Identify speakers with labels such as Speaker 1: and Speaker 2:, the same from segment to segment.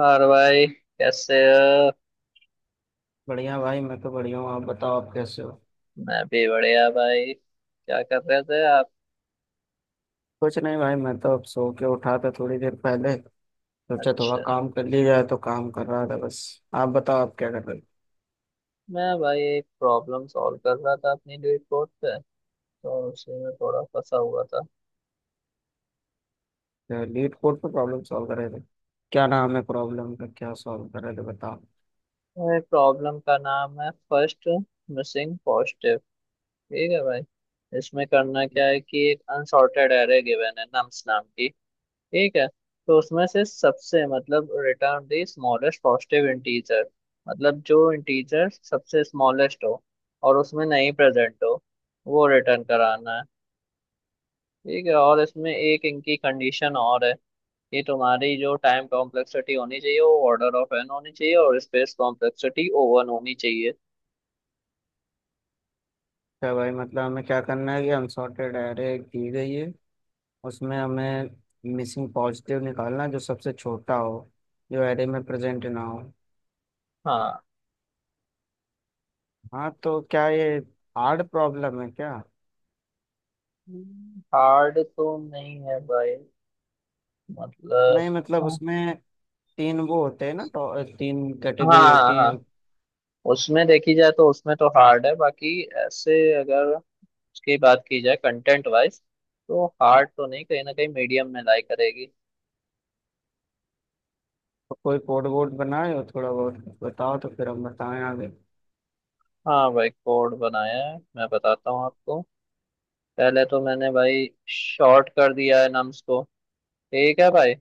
Speaker 1: और भाई। कैसे हो।
Speaker 2: बढ़िया भाई, मैं तो बढ़िया हूँ। आप बताओ, आप कैसे हो।
Speaker 1: मैं भी बढ़िया भाई, क्या कर रहे थे आप।
Speaker 2: कुछ नहीं भाई, मैं तो अब सो के उठा था थोड़ी देर पहले। सोचा थोड़ा
Speaker 1: अच्छा।
Speaker 2: काम कर लिया जाए, तो काम कर रहा था बस। आप बताओ, आप क्या कर रहे
Speaker 1: मैं भाई एक प्रॉब्लम सॉल्व कर रहा था अपनी रिपोर्ट पे, तो उसी में थोड़ा फंसा हुआ था।
Speaker 2: थे। लीड कोड पर प्रॉब्लम सॉल्व कर रहे थे? क्या नाम है प्रॉब्लम का, क्या सॉल्व कर रहे थे बताओ।
Speaker 1: भाई प्रॉब्लम का नाम है फर्स्ट मिसिंग पॉजिटिव। ठीक है भाई। इसमें करना क्या है कि एक अनसॉर्टेड एरे गिवन है नम्स नाम की। ठीक है। तो उसमें से सबसे मतलब return the smallest positive integer, मतलब जो इंटीजर सबसे स्मॉलेस्ट हो और उसमें नहीं प्रेजेंट हो, वो रिटर्न कराना है। ठीक है। और इसमें एक इनकी कंडीशन और है कि तुम्हारी जो टाइम कॉम्प्लेक्सिटी होनी चाहिए वो ऑर्डर ऑफ एन होनी चाहिए और स्पेस कॉम्प्लेक्सिटी ओ वन होनी चाहिए।
Speaker 2: क्या भाई, मतलब हमें क्या करना है कि अनसॉर्टेड एरे दी गई है, उसमें हमें मिसिंग पॉजिटिव निकालना है, जो सबसे छोटा हो, जो एरे में प्रेजेंट ना हो।
Speaker 1: हाँ।
Speaker 2: हाँ, तो क्या ये हार्ड प्रॉब्लम है क्या?
Speaker 1: हार्ड तो नहीं है भाई, मतलब।
Speaker 2: नहीं मतलब
Speaker 1: हाँ
Speaker 2: उसमें तीन वो होते हैं ना, तो तीन कैटेगरी
Speaker 1: हाँ।
Speaker 2: होती हैं।
Speaker 1: हाँ, उसमें देखी जाए तो उसमें तो हार्ड है, बाकी ऐसे। अगर उसकी बात की जाए कंटेंट वाइज तो हार्ड तो नहीं, कहीं ना कहीं मीडियम में लाई करेगी।
Speaker 2: तो कोई कोड वोड बनाए हो थोड़ा बहुत? बताओ तो फिर हम बताएं आगे।
Speaker 1: हाँ भाई, कोड बनाया है, मैं बताता हूँ आपको। पहले तो मैंने भाई शॉर्ट कर दिया है नम्स को। ठीक है भाई।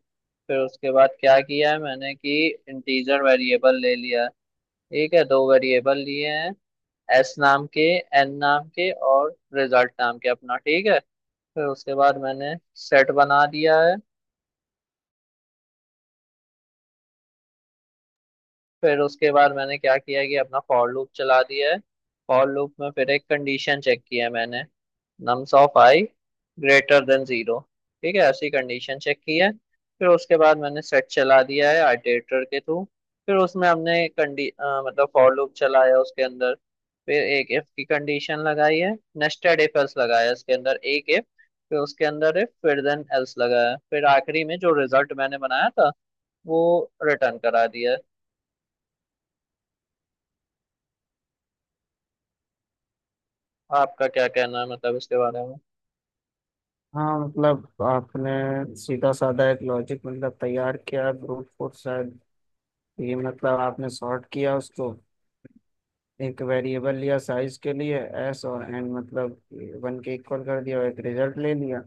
Speaker 1: फिर उसके बाद क्या किया है मैंने कि इंटीजर वेरिएबल ले लिया है। ठीक है, दो वेरिएबल लिए हैं, एस नाम के, एन नाम के और रिजल्ट नाम के अपना। ठीक है। फिर उसके बाद मैंने सेट बना दिया है। फिर उसके बाद मैंने क्या किया कि अपना फॉर लूप चला दिया है। फॉर लूप में फिर एक कंडीशन चेक किया है मैंने, nums of I greater than zero. ठीक है, ऐसी कंडीशन चेक की है। फिर उसके बाद मैंने सेट चला दिया है आइटरेटर के थ्रू। फिर उसमें हमने मतलब फॉर लूप चलाया उसके अंदर। फिर एक इफ की कंडीशन लगाई है, नेस्टेड इफ एल्स लगाया, इसके अंदर एक इफ, फिर उसके अंदर इफ फिर देन एल्स लगाया। फिर आखिरी में जो रिजल्ट मैंने बनाया था वो रिटर्न करा दिया है। आपका क्या कहना है मतलब इसके बारे में।
Speaker 2: हाँ मतलब आपने सीधा साधा एक लॉजिक मतलब तैयार किया, ब्रूट फोर्स शायद। ये मतलब आपने सॉर्ट किया उसको, एक वेरिएबल लिया साइज के लिए, एस और एन मतलब वन के इक्वल कर दिया, और एक रिजल्ट ले लिया।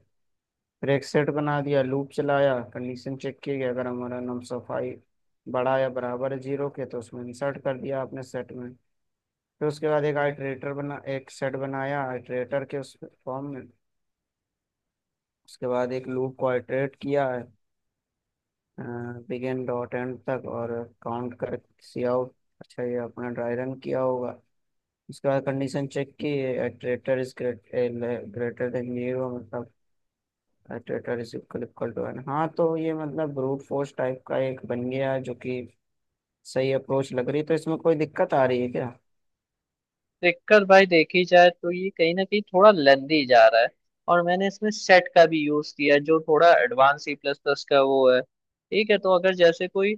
Speaker 2: फिर एक सेट बना दिया, लूप चलाया, कंडीशन चेक की कि अगर हमारा नम सफाई बड़ा या बराबर है जीरो के, तो उसमें इंसर्ट कर दिया आपने सेट में। फिर उसके बाद एक आइटरेटर बना, एक सेट बनाया आइटरेटर के उस फॉर्म में। उसके बाद एक लूप को आइटरेट किया है बिगिन डॉट एंड तक, और काउंट कर, सी आउट। अच्छा ये अपना ड्राई रन किया होगा। उसके बाद कंडीशन चेक की, iterator is greater than zero, मतलब iterator is equal equal to N. हाँ तो ये मतलब ब्रूट फोर्स टाइप का एक बन गया, जो कि सही अप्रोच लग रही है। तो इसमें कोई दिक्कत आ रही है क्या?
Speaker 1: दिक्कत भाई देखी जाए तो ये कहीं ना कहीं थोड़ा लेंदी जा रहा है। और मैंने इसमें सेट का भी यूज किया है, जो थोड़ा एडवांस सी प्लस प्लस का वो है। ठीक है, तो अगर जैसे कोई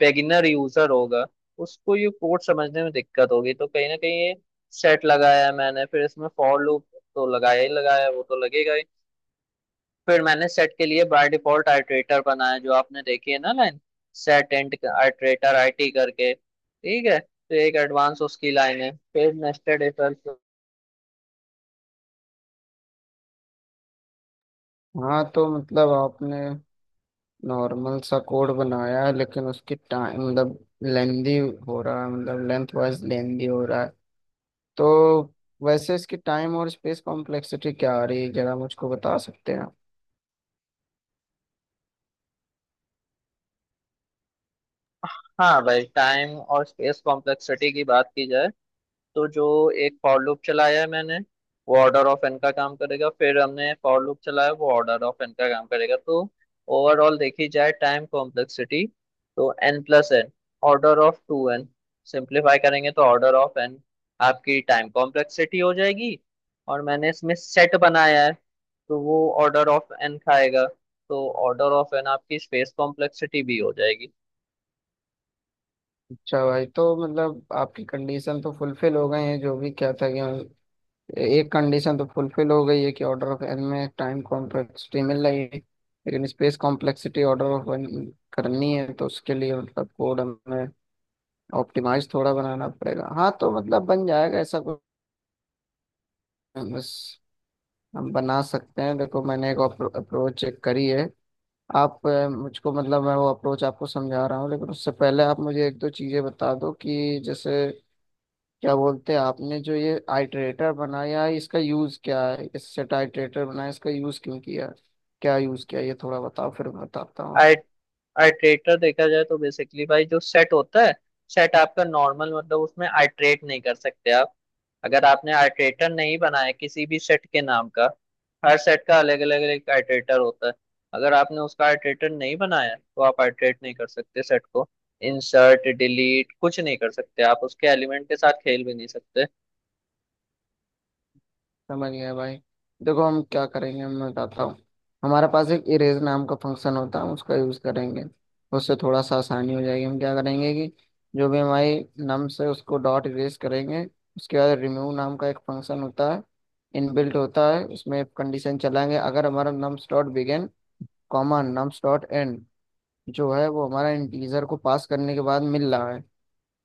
Speaker 1: बेगिनर यूजर होगा, उसको ये कोड समझने में दिक्कत होगी। तो कहीं ना कहीं ये सेट लगाया है मैंने, फिर इसमें फॉर लूप तो लगाया ही लगाया है, वो तो लगेगा ही। फिर मैंने सेट के लिए बाय डिफॉल्ट आइटरेटर बनाया जो आपने देखी है ना line, set end iterator IT करके। ठीक है, तो एक एडवांस उसकी लाइन है, फिर नेस्टेड इफ एल्स।
Speaker 2: हाँ तो मतलब आपने नॉर्मल सा कोड बनाया है, लेकिन उसकी टाइम मतलब लेंदी हो रहा है, मतलब लेंथ वाइज लेंदी हो रहा है। तो वैसे इसकी टाइम और स्पेस कॉम्प्लेक्सिटी क्या आ रही है, जरा मुझको बता सकते हैं आप?
Speaker 1: हाँ भाई, टाइम और स्पेस कॉम्प्लेक्सिटी की बात की जाए तो जो एक फॉर लूप चलाया है मैंने, वो ऑर्डर ऑफ एन का काम करेगा। फिर हमने फॉर लूप चलाया, वो ऑर्डर ऑफ एन का काम करेगा। तो ओवरऑल देखी जाए टाइम कॉम्प्लेक्सिटी, तो N plus N, order of two N, simplify करेंगे तो ऑर्डर ऑफ एन आपकी टाइम कॉम्प्लेक्सिटी हो जाएगी। और मैंने इसमें सेट बनाया है, तो वो ऑर्डर ऑफ एन खाएगा। तो ऑर्डर ऑफ एन आपकी स्पेस कॉम्प्लेक्सिटी भी हो जाएगी।
Speaker 2: अच्छा भाई, तो मतलब आपकी कंडीशन तो फुलफिल हो गई है। जो भी क्या था कि एक कंडीशन तो फुलफिल हो गई है कि ऑर्डर ऑफ एन में टाइम कॉम्प्लेक्सिटी मिल रही है, लेकिन space complexity order of N करनी है, तो उसके लिए मतलब कोड हमें ऑप्टिमाइज थोड़ा बनाना पड़ेगा। हाँ तो मतलब बन जाएगा ऐसा कुछ बस, हम बना सकते हैं। देखो मैंने एक अप्रोच चेक करी है। मुझको मतलब मैं वो अप्रोच आपको समझा रहा हूँ, लेकिन उससे पहले आप मुझे एक दो चीजें बता दो, कि जैसे क्या बोलते हैं, आपने जो ये आइटरेटर बनाया है, इसका यूज क्या है, इस सेट आइटरेटर बनाया इसका यूज क्यों किया, क्या यूज किया, ये थोड़ा बताओ फिर मैं बताता हूँ।
Speaker 1: आइट्रेटर देखा जाए तो बेसिकली भाई, जो सेट होता है, सेट आपका नॉर्मल, मतलब उसमें आइट्रेट नहीं कर सकते आप, अगर आपने आइट्रेटर नहीं बनाया किसी भी सेट के नाम का। हर सेट का अलग अलग एक आइट्रेटर होता है। अगर आपने उसका आइट्रेटर नहीं बनाया तो आप आइट्रेट नहीं कर सकते सेट को, इंसर्ट डिलीट कुछ नहीं कर सकते आप, उसके एलिमेंट के साथ खेल भी नहीं सकते।
Speaker 2: समझ गया भाई। देखो हम क्या करेंगे, मैं बताता हूँ। हमारे पास एक इरेज नाम का फंक्शन होता है, हम उसका यूज़ करेंगे। उससे थोड़ा सा आसानी हो जाएगी। हम क्या करेंगे कि जो भी हमारी नम्स है उसको डॉट इरेज करेंगे। उसके बाद रिमूव नाम का एक फंक्शन होता है, इनबिल्ट होता है, उसमें कंडीशन चलाएंगे, अगर हमारा nums dot begin comma nums dot end जो है वो हमारा इंटीजर को पास करने के बाद मिल रहा है,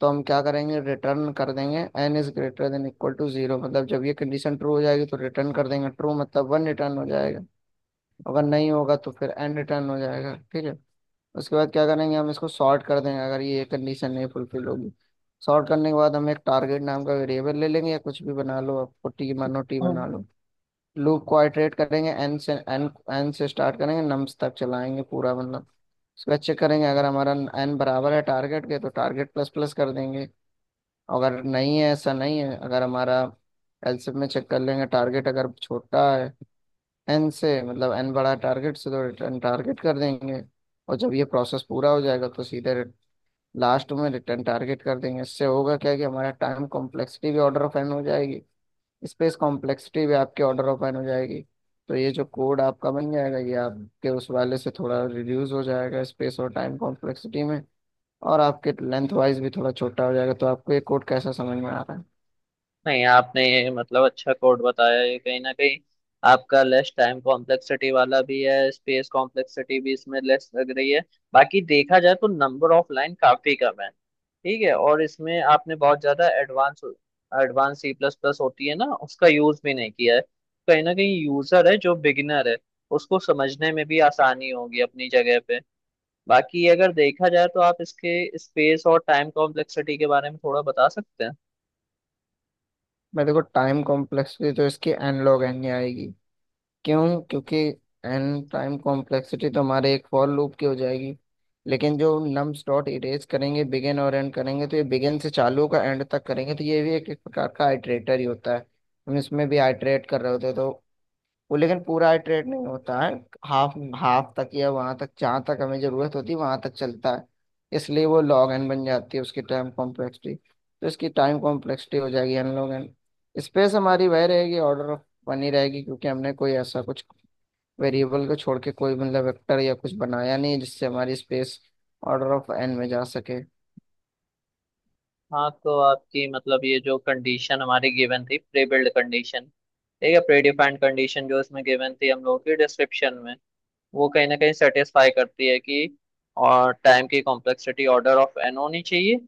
Speaker 2: तो हम क्या करेंगे, रिटर्न कर देंगे N is greater than equal to zero, मतलब जब ये कंडीशन ट्रू हो जाएगी तो रिटर्न कर देंगे ट्रू, मतलब वन रिटर्न हो जाएगा। अगर नहीं होगा तो फिर एन रिटर्न हो जाएगा, ठीक है। उसके बाद क्या करेंगे, हम इसको सॉर्ट कर देंगे अगर ये कंडीशन नहीं फुलफिल होगी। सॉर्ट करने के बाद हम एक टारगेट नाम का वेरिएबल ले लेंगे, या कुछ भी बना लो, आपको टी मानो टी बना लो। लूप को आइटरेट करेंगे एन से, एन एन से स्टार्ट करेंगे, नम्स तक चलाएंगे पूरा, मतलब उसके बाद चेक करेंगे अगर हमारा एन बराबर है टारगेट के, तो टारगेट प्लस प्लस कर देंगे। अगर नहीं है, ऐसा नहीं है, अगर हमारा एलसीएम में चेक कर लेंगे टारगेट, अगर छोटा है एन से, मतलब एन बड़ा है टारगेट से, तो रिटर्न टारगेट कर देंगे। और जब ये प्रोसेस पूरा हो जाएगा तो सीधे लास्ट में रिटर्न टारगेट कर देंगे। इससे होगा क्या कि हमारा टाइम कॉम्प्लेक्सिटी भी ऑर्डर ऑफ एन हो जाएगी, स्पेस कॉम्प्लेक्सिटी भी आपके ऑर्डर ऑफ एन हो जाएगी। तो ये जो कोड आपका बन जाएगा, ये आपके उस वाले से थोड़ा रिड्यूस हो जाएगा स्पेस और टाइम कॉम्प्लेक्सिटी में, और आपके लेंथ वाइज भी थोड़ा छोटा हो जाएगा। तो आपको ये कोड कैसा समझ में आ रहा है?
Speaker 1: नहीं, आपने ये मतलब अच्छा कोड बताया। ये कहीं ना कहीं आपका लेस टाइम कॉम्प्लेक्सिटी वाला भी है, स्पेस कॉम्प्लेक्सिटी भी इसमें लेस लग रही है। बाकी देखा जाए तो नंबर ऑफ लाइन काफी कम है। ठीक है, और इसमें आपने बहुत ज्यादा advance advance C plus plus होती है ना, उसका यूज भी नहीं किया है। कहीं ना कहीं यूजर है जो बिगिनर है, उसको समझने में भी आसानी होगी अपनी जगह पे। बाकी अगर देखा जाए तो आप इसके स्पेस और टाइम कॉम्प्लेक्सिटी के बारे में थोड़ा बता सकते हैं।
Speaker 2: मैं, देखो टाइम कॉम्प्लेक्सिटी तो इसकी एन log एन ही आएगी। क्यों, क्योंकि एन टाइम कॉम्प्लेक्सिटी तो हमारे एक फॉर लूप की हो जाएगी, लेकिन जो नम्स डॉट इरेज करेंगे बिगिन और एंड करेंगे, तो ये बिगिन से चालू का एंड तक करेंगे, तो ये भी एक प्रकार का आइटरेटर ही होता है। हम इसमें भी आइटरेट कर रहे होते हैं, तो वो, लेकिन पूरा इटरेट नहीं होता है, हाफ हाफ तक, या वहां तक जहां तक हमें जरूरत होती है वहां तक चलता है। इसलिए वो लॉग एन बन जाती है उसकी टाइम कॉम्प्लेक्सिटी, तो इसकी टाइम कॉम्प्लेक्सिटी हो जाएगी एन लॉग एन। स्पेस हमारी वह रहेगी, ऑर्डर ऑफ बनी रहेगी, क्योंकि हमने कोई ऐसा कुछ वेरिएबल को छोड़ के कोई मतलब वेक्टर या कुछ बनाया नहीं है जिससे हमारी स्पेस ऑर्डर ऑफ एन में जा सके।
Speaker 1: हाँ, तो आपकी मतलब ये जो कंडीशन हमारी गिवन थी प्री बिल्ड कंडीशन, ठीक है, प्री डिफाइंड कंडीशन जो इसमें गिवन थी हम लोगों की डिस्क्रिप्शन में, वो कहीं ना कहीं सेटिस्फाई करती है कि और टाइम की कॉम्प्लेक्सिटी ऑर्डर ऑफ एन होनी चाहिए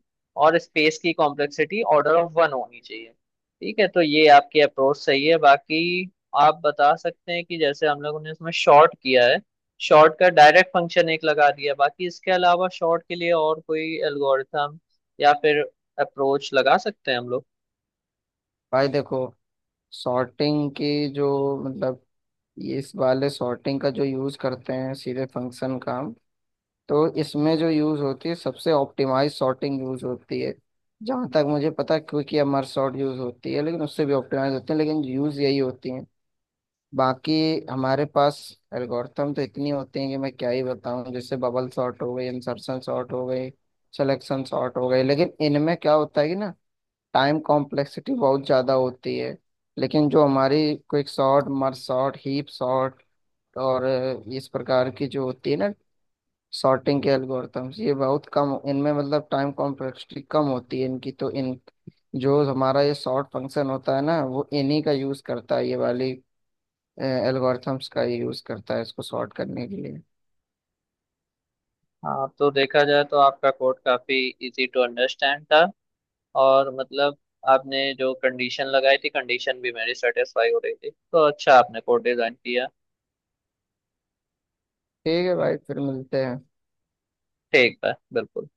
Speaker 1: और स्पेस की कॉम्प्लेक्सिटी ऑर्डर ऑफ वन होनी चाहिए। ठीक है, तो ये आपकी अप्रोच सही है। बाकी आप बता सकते हैं कि जैसे हम लोगों ने इसमें शॉर्ट किया है, शॉर्ट का डायरेक्ट फंक्शन एक लगा दिया, बाकी इसके अलावा शॉर्ट के लिए और कोई एल्गोरिथम या फिर अप्रोच लगा सकते हैं हम लोग।
Speaker 2: भाई देखो, सॉर्टिंग की जो मतलब, ये इस वाले सॉर्टिंग का जो यूज करते हैं सीधे फंक्शन का, तो इसमें जो यूज होती है सबसे ऑप्टिमाइज सॉर्टिंग यूज होती है। जहां तक मुझे पता है क्विक या मर्ज सॉर्ट यूज होती है, लेकिन उससे भी ऑप्टिमाइज होती है, लेकिन यूज यही होती है। बाकी हमारे पास एल्गोरिथम तो इतनी होती हैं कि मैं क्या ही बताऊं, जैसे बबल सॉर्ट हो गई, इंसर्शन सॉर्ट हो गई, सिलेक्शन सॉर्ट हो गई, लेकिन इनमें क्या होता है कि ना टाइम कॉम्प्लेक्सिटी बहुत ज्यादा होती है। लेकिन जो हमारी quick sort, merge sort, heap sort, और इस प्रकार की जो होती है ना सॉर्टिंग के एल्गोरिथम्स, ये बहुत कम, इनमें मतलब टाइम कॉम्प्लेक्सिटी कम होती है इनकी, तो इन, जो हमारा ये सॉर्ट फंक्शन होता है ना, वो इन्हीं का यूज करता है, ये वाली एल्गोरिथम्स का ये यूज करता है इसको सॉर्ट करने के लिए।
Speaker 1: हाँ, तो देखा जाए तो आपका कोड काफी इजी टू अंडरस्टैंड था। और मतलब आपने जो कंडीशन लगाई थी, कंडीशन भी मेरी सेटिस्फाई हो रही थी, तो अच्छा आपने कोड डिजाइन किया।
Speaker 2: ठीक है भाई, फिर मिलते हैं।
Speaker 1: ठीक है बिल्कुल।